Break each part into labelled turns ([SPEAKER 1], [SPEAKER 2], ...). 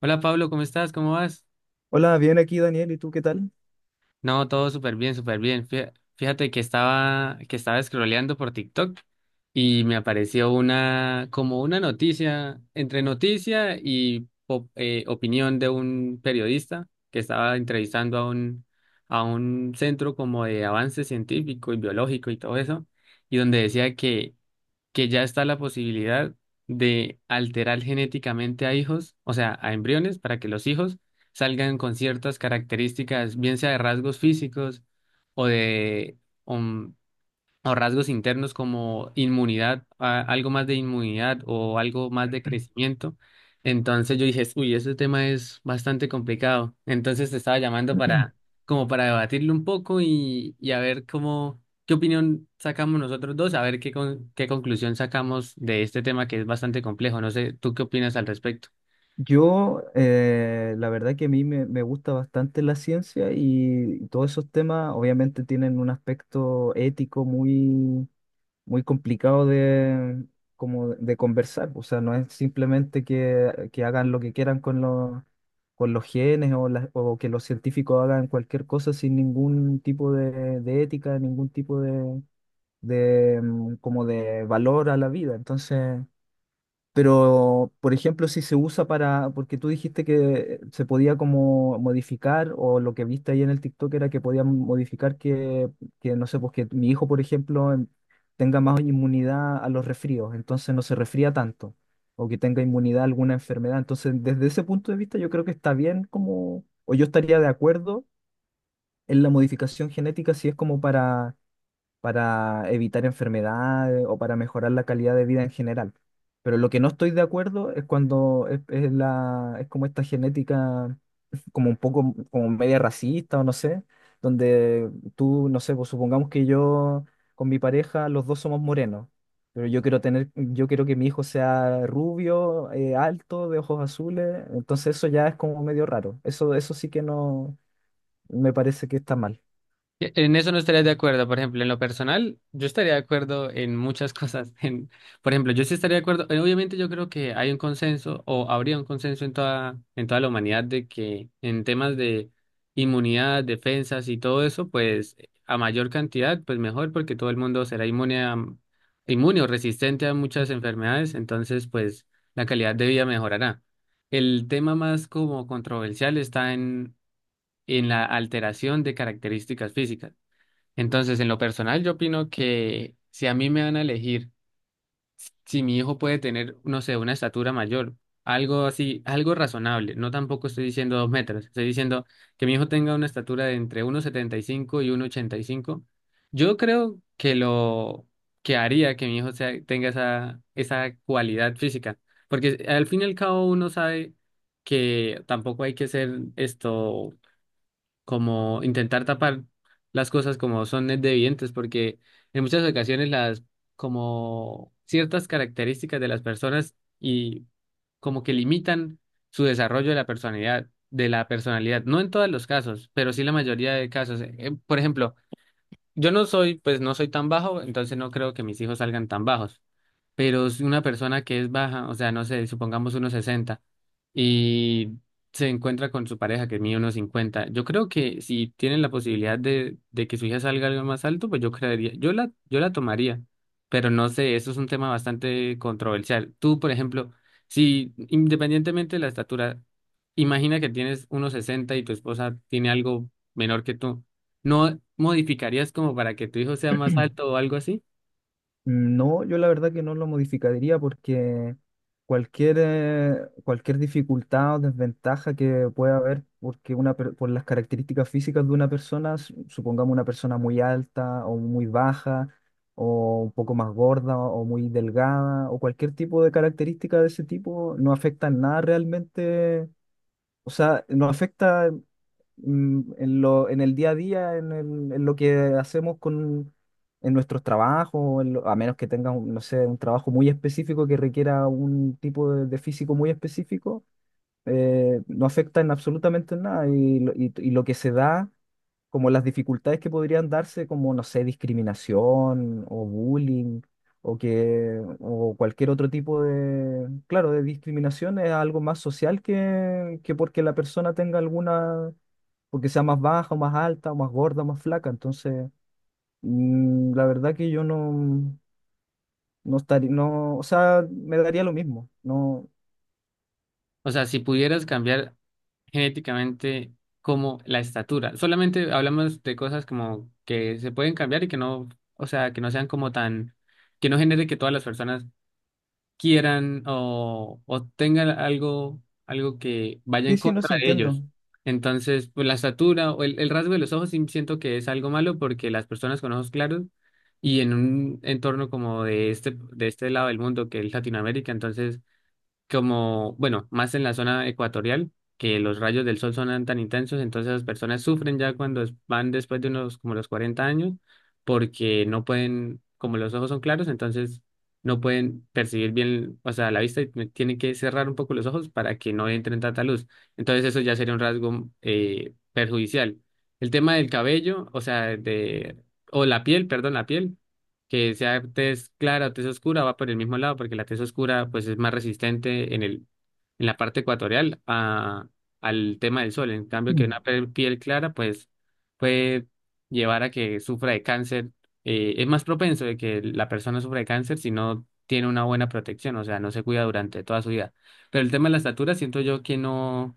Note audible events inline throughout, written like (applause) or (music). [SPEAKER 1] Hola Pablo, ¿cómo estás? ¿Cómo vas?
[SPEAKER 2] Hola, bien aquí Daniel, ¿y tú qué tal?
[SPEAKER 1] No, todo súper bien, súper bien. Fíjate que estaba scrolleando por TikTok y me apareció una, como una noticia, entre noticia y opinión de un periodista que estaba entrevistando a un centro como de avance científico y biológico y todo eso, y donde decía que ya está la posibilidad de alterar genéticamente a hijos, o sea, a embriones, para que los hijos salgan con ciertas características, bien sea de rasgos físicos o de, um, o rasgos internos como inmunidad, algo más de inmunidad o algo más de crecimiento. Entonces yo dije, uy, ese tema es bastante complicado. Entonces te estaba llamando para, como para debatirlo un poco y a ver cómo, qué opinión sacamos nosotros dos, a ver qué, qué conclusión sacamos de este tema que es bastante complejo. No sé, ¿tú qué opinas al respecto?
[SPEAKER 2] Yo, la verdad que a mí me gusta bastante la ciencia y todos esos temas obviamente tienen un aspecto ético muy, muy complicado de, como de conversar. O sea, no es simplemente que hagan lo que quieran con los genes o, o que los científicos hagan cualquier cosa sin ningún tipo de ética, ningún tipo de, como de valor a la vida. Entonces. Pero, por ejemplo, si se usa porque tú dijiste que se podía como modificar, o lo que viste ahí en el TikTok era que podían modificar que no sé, pues que mi hijo, por ejemplo, tenga más inmunidad a los resfríos, entonces no se resfría tanto, o que tenga inmunidad a alguna enfermedad. Entonces, desde ese punto de vista, yo creo que está bien como, o yo estaría de acuerdo en la modificación genética si es como para evitar enfermedades o para mejorar la calidad de vida en general. Pero lo que no estoy de acuerdo es cuando es como esta genética, como un poco, como media racista o no sé, donde tú, no sé, pues supongamos que yo con mi pareja los dos somos morenos, pero yo quiero que mi hijo sea rubio, alto, de ojos azules, entonces eso ya es como medio raro. Eso sí que no, me parece que está mal.
[SPEAKER 1] En eso no estaría de acuerdo, por ejemplo, en lo personal, yo estaría de acuerdo en muchas cosas. (laughs) En, por ejemplo, yo sí estaría de acuerdo, obviamente yo creo que hay un consenso o habría un consenso en toda la humanidad de que en temas de inmunidad, defensas y todo eso, pues a mayor cantidad, pues mejor porque todo el mundo será inmune a, inmune o resistente a muchas enfermedades, entonces pues la calidad de vida mejorará. El tema más como controversial está en la alteración de características físicas. Entonces, en lo personal, yo opino que si a mí me van a elegir, si mi hijo puede tener, no sé, una estatura mayor, algo así, algo razonable, no tampoco estoy diciendo 2 metros, estoy diciendo que mi hijo tenga una estatura de entre 1,75 y 1,85. Yo creo que lo que haría que mi tenga esa, esa cualidad física, porque al fin y al cabo uno sabe que tampoco hay que ser esto como intentar tapar las cosas como son evidentes, porque en muchas ocasiones las como ciertas características de las personas y como que limitan su desarrollo de la personalidad, no en todos los casos, pero sí la mayoría de casos. Por ejemplo, yo no soy, pues no soy tan bajo, entonces no creo que mis hijos salgan tan bajos, pero es una persona que es baja, o sea, no sé, supongamos unos 60 y se encuentra con su pareja que mide unos 50. Yo creo que si tienen la posibilidad de que su hija salga algo más alto, pues yo creería, yo la, yo la tomaría, pero no sé, eso es un tema bastante controversial. Tú, por ejemplo, si independientemente de la estatura, imagina que tienes unos 60 y tu esposa tiene algo menor que tú, ¿no modificarías como para que tu hijo sea más alto o algo así?
[SPEAKER 2] No, yo la verdad que no lo modificaría porque cualquier, eh, cualquier dificultad o desventaja que pueda haber porque por las características físicas de una persona, supongamos una persona muy alta o muy baja o un poco más gorda o muy delgada o cualquier tipo de característica de ese tipo, no afecta en nada realmente, o sea, no afecta en lo, en el día a día, en lo que hacemos con, en nuestros trabajos, a menos que tengas, no sé, un trabajo muy específico que requiera un tipo de físico muy específico, no afecta en absolutamente en nada. Y lo que se da, como las dificultades que podrían darse, como, no sé, discriminación o bullying. O cualquier otro tipo claro, de discriminación es algo más social que porque la persona tenga alguna porque sea más baja o más alta o más gorda o más flaca. Entonces, la verdad que yo no, no estaría, no, o sea, me daría lo mismo. No,
[SPEAKER 1] O sea, si pudieras cambiar genéticamente como la estatura, solamente hablamos de cosas como que se pueden cambiar y que no, o sea, que no sean como tan, que no genere que todas las personas quieran o tengan algo, algo que vaya
[SPEAKER 2] sí,
[SPEAKER 1] en
[SPEAKER 2] sí, no, sí
[SPEAKER 1] contra de
[SPEAKER 2] entiendo.
[SPEAKER 1] ellos. Entonces, pues la estatura o el rasgo de los ojos sí siento que es algo malo porque las personas con ojos claros y en un entorno como de este lado del mundo que es Latinoamérica, entonces como, bueno, más en la zona ecuatorial, que los rayos del sol son tan intensos, entonces las personas sufren ya cuando van después de unos como los 40 años, porque no pueden, como los ojos son claros, entonces no pueden percibir bien, o sea, la vista y tienen que cerrar un poco los ojos para que no entren tanta luz. Entonces eso ya sería un rasgo perjudicial. El tema del cabello, o sea, de, o la piel, perdón, la piel que sea tez clara o tez oscura, va por el mismo lado, porque la tez oscura pues es más resistente en el, en la parte ecuatorial a, al tema del sol. En cambio, que una
[SPEAKER 2] (clears throat)
[SPEAKER 1] piel clara pues puede llevar a que sufra de cáncer. Es más propenso de que la persona sufra de cáncer si no tiene una buena protección, o sea, no se cuida durante toda su vida. Pero el tema de la estatura, siento yo que no,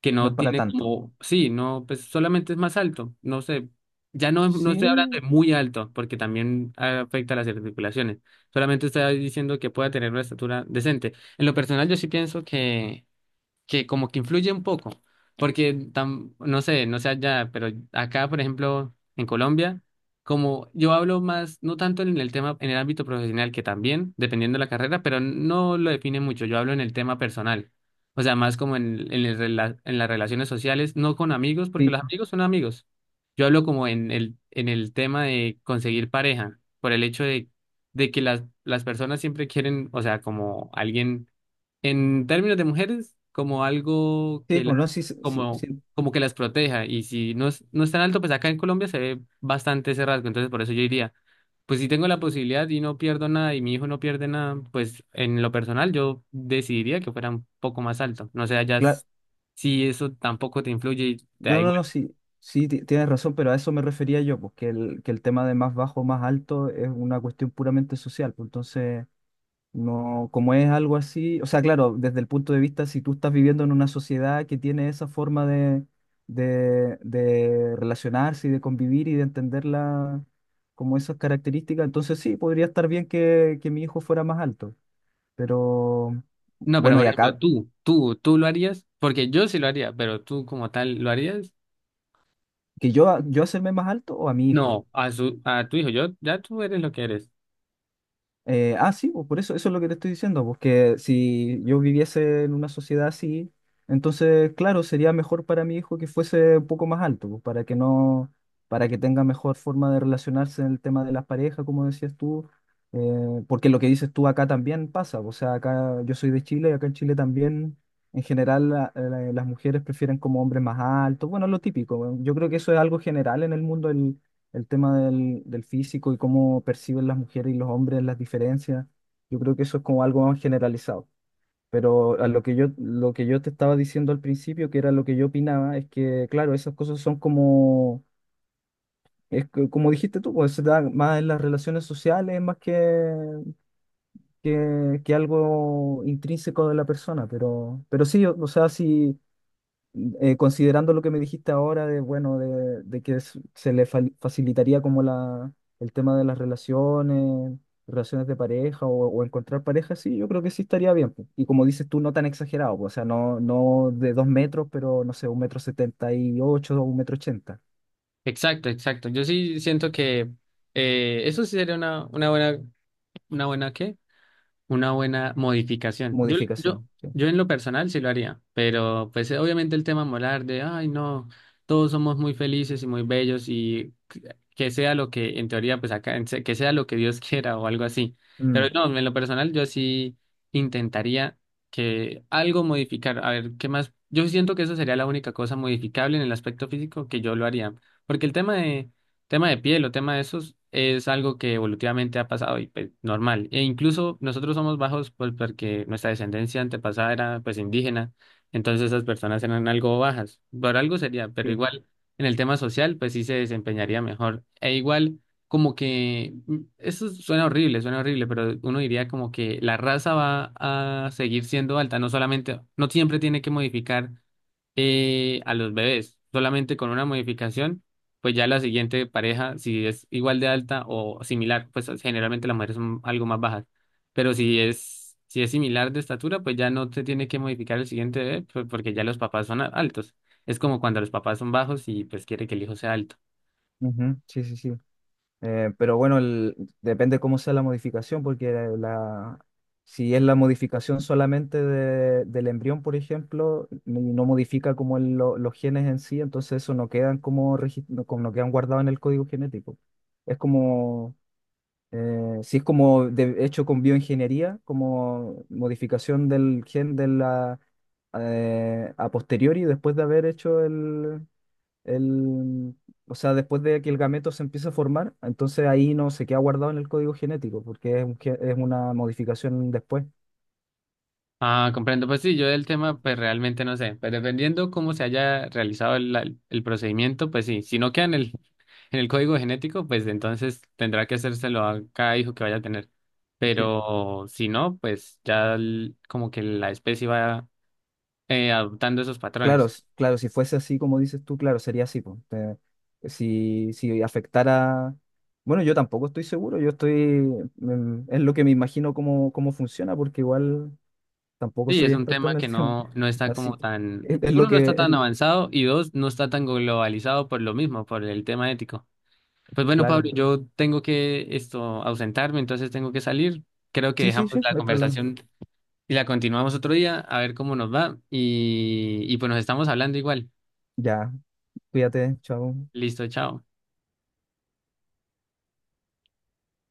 [SPEAKER 1] que
[SPEAKER 2] No es
[SPEAKER 1] no
[SPEAKER 2] para
[SPEAKER 1] tiene
[SPEAKER 2] tanto.
[SPEAKER 1] como, sí, no, pues solamente es más alto, no sé, ya no, no estoy hablando de
[SPEAKER 2] Sí,
[SPEAKER 1] muy alto, porque también afecta a las articulaciones, solamente estoy diciendo que pueda tener una estatura decente. En lo personal, yo sí pienso que como que influye un poco, porque no sé, no sé allá, pero acá, por ejemplo, en Colombia, como yo hablo más, no tanto en el tema, en el ámbito profesional, que también, dependiendo de la carrera, pero no lo define mucho, yo hablo en el tema personal, o sea, más como en, el en las relaciones sociales, no con amigos, porque
[SPEAKER 2] sí,
[SPEAKER 1] los amigos son amigos, yo hablo como en el tema de conseguir pareja, por el hecho de que las personas siempre quieren, o sea, como alguien en términos de mujeres, como algo
[SPEAKER 2] sí,
[SPEAKER 1] que
[SPEAKER 2] pues no,
[SPEAKER 1] las,
[SPEAKER 2] sí, sí, sí,
[SPEAKER 1] como,
[SPEAKER 2] sí,
[SPEAKER 1] como que las proteja. Y si no es, no es tan alto, pues acá en Colombia se ve bastante ese rasgo. Entonces, por eso yo diría, pues si tengo la posibilidad y no pierdo nada y mi hijo no pierde nada, pues en lo personal yo decidiría que fuera un poco más alto. No sé, allá
[SPEAKER 2] claro.
[SPEAKER 1] si eso tampoco te influye y te
[SPEAKER 2] No,
[SPEAKER 1] da
[SPEAKER 2] no,
[SPEAKER 1] igual.
[SPEAKER 2] no, sí, sí, tienes razón, pero a eso me refería yo, porque que el tema de más bajo o más alto es una cuestión puramente social. Pues entonces. No, como es algo así, o sea, claro, desde el punto de vista, si tú estás viviendo en una sociedad que tiene esa forma de relacionarse y de convivir y de entenderla como esas características, entonces sí, podría estar bien que mi hijo fuera más alto. Pero
[SPEAKER 1] No, pero
[SPEAKER 2] bueno, y
[SPEAKER 1] por ejemplo,
[SPEAKER 2] acá,
[SPEAKER 1] tú lo harías, porque yo sí lo haría, pero tú como tal, ¿lo harías?
[SPEAKER 2] que yo hacerme más alto o a mi hijo.
[SPEAKER 1] No, a su, a tu hijo, yo, ya tú eres lo que eres.
[SPEAKER 2] Ah, sí, pues por eso es lo que te estoy diciendo, porque si yo viviese en una sociedad así, entonces, claro, sería mejor para mi hijo que fuese un poco más alto, pues, para que no, para que tenga mejor forma de relacionarse en el tema de las parejas, como decías tú, porque lo que dices tú acá también pasa, o sea, acá yo soy de Chile y acá en Chile también, en general, las mujeres prefieren como hombres más altos, bueno, lo típico, yo creo que eso es algo general en el mundo, el tema del físico y cómo perciben las mujeres y los hombres las diferencias. Yo creo que eso es como algo más generalizado. Pero a lo que yo te estaba diciendo al principio, que era lo que yo opinaba, es que, claro, esas cosas son como, es que, como dijiste tú, pues se da más en las relaciones sociales, más que algo intrínseco de la persona. Pero sí, o sea, sí, considerando lo que me dijiste ahora bueno, de que se le facilitaría como el tema de las relaciones, de pareja o encontrar pareja, sí, yo creo que sí estaría bien, pues. Y como dices tú, no tan exagerado, pues, o sea, no, no de 2 metros, pero no sé, 1,78 m o 1,80 m.
[SPEAKER 1] Exacto, exacto. Yo sí siento que eso sí sería una buena ¿qué? Una buena modificación. Yo, yo,
[SPEAKER 2] Modificación. Sí.
[SPEAKER 1] yo en lo personal sí lo haría, pero pues obviamente el tema molar de, ay no, todos somos muy felices y muy bellos y que sea lo que en teoría, pues acá, que sea lo que Dios (laughs) quiera o algo así. Pero
[SPEAKER 2] Mm,
[SPEAKER 1] no, en lo personal yo sí intentaría que algo modificar. A ver, ¿qué más? Yo siento que eso sería la única cosa modificable en el aspecto físico que yo lo haría. Porque el tema de tema de piel o tema de esos es algo que evolutivamente ha pasado y pues, normal. E incluso nosotros somos bajos pues, porque nuestra descendencia antepasada era pues indígena, entonces esas personas eran algo bajas. Por algo sería, pero
[SPEAKER 2] sí.
[SPEAKER 1] igual en el tema social pues sí se desempeñaría mejor. E igual como que eso suena horrible, pero uno diría como que la raza va a seguir siendo alta, no solamente, no siempre tiene que modificar a los bebés, solamente con una modificación pues ya la siguiente pareja, si es igual de alta o similar, pues generalmente las mujeres son algo más bajas, pero si es, si es similar de estatura, pues ya no se tiene que modificar el siguiente bebé, pues, porque ya los papás son altos. Es como cuando los papás son bajos y pues quiere que el hijo sea alto.
[SPEAKER 2] Ujú, sí, sí, sí. Pero bueno, depende cómo sea la modificación, porque la, si es la modificación solamente del embrión, por ejemplo, y no modifica como los genes en sí, entonces eso no quedan como no quedan guardados en el código genético. Es como, si es como hecho con bioingeniería, como modificación del gen de a posteriori, después de haber hecho el el, o sea, después de que el gameto se empieza a formar, entonces ahí no se queda guardado en el código genético, porque es una modificación después.
[SPEAKER 1] Ah, comprendo. Pues sí, yo del tema, pues realmente no sé. Pero dependiendo cómo se haya realizado el, el procedimiento, pues sí. Si no queda en el, (laughs) en el código genético, pues entonces tendrá que hacérselo a cada hijo que vaya a tener.
[SPEAKER 2] Sí.
[SPEAKER 1] Pero si no, pues ya como que la especie va adoptando esos
[SPEAKER 2] Claro,
[SPEAKER 1] patrones.
[SPEAKER 2] s- claro, si fuese así como dices tú, claro, sería así, po. Si afectara. Bueno, yo tampoco estoy seguro, yo estoy. Es lo que me imagino cómo funciona, porque igual tampoco
[SPEAKER 1] Sí, es
[SPEAKER 2] soy
[SPEAKER 1] un
[SPEAKER 2] experto en
[SPEAKER 1] tema
[SPEAKER 2] el
[SPEAKER 1] que
[SPEAKER 2] tema.
[SPEAKER 1] no, no
[SPEAKER 2] (laughs)
[SPEAKER 1] está
[SPEAKER 2] Así
[SPEAKER 1] como
[SPEAKER 2] que
[SPEAKER 1] tan,
[SPEAKER 2] es, lo
[SPEAKER 1] uno, no está
[SPEAKER 2] que.
[SPEAKER 1] tan avanzado y dos, no está tan globalizado por lo mismo, por el tema ético. Pues bueno, Pablo,
[SPEAKER 2] Claro.
[SPEAKER 1] yo tengo que esto ausentarme, entonces tengo que salir. Creo que
[SPEAKER 2] Sí, sí,
[SPEAKER 1] dejamos
[SPEAKER 2] sí,
[SPEAKER 1] la
[SPEAKER 2] no hay problema.
[SPEAKER 1] conversación y la continuamos otro día, a ver cómo nos va. Y pues nos estamos hablando igual.
[SPEAKER 2] Ya, cuídate, chao.
[SPEAKER 1] Listo, chao.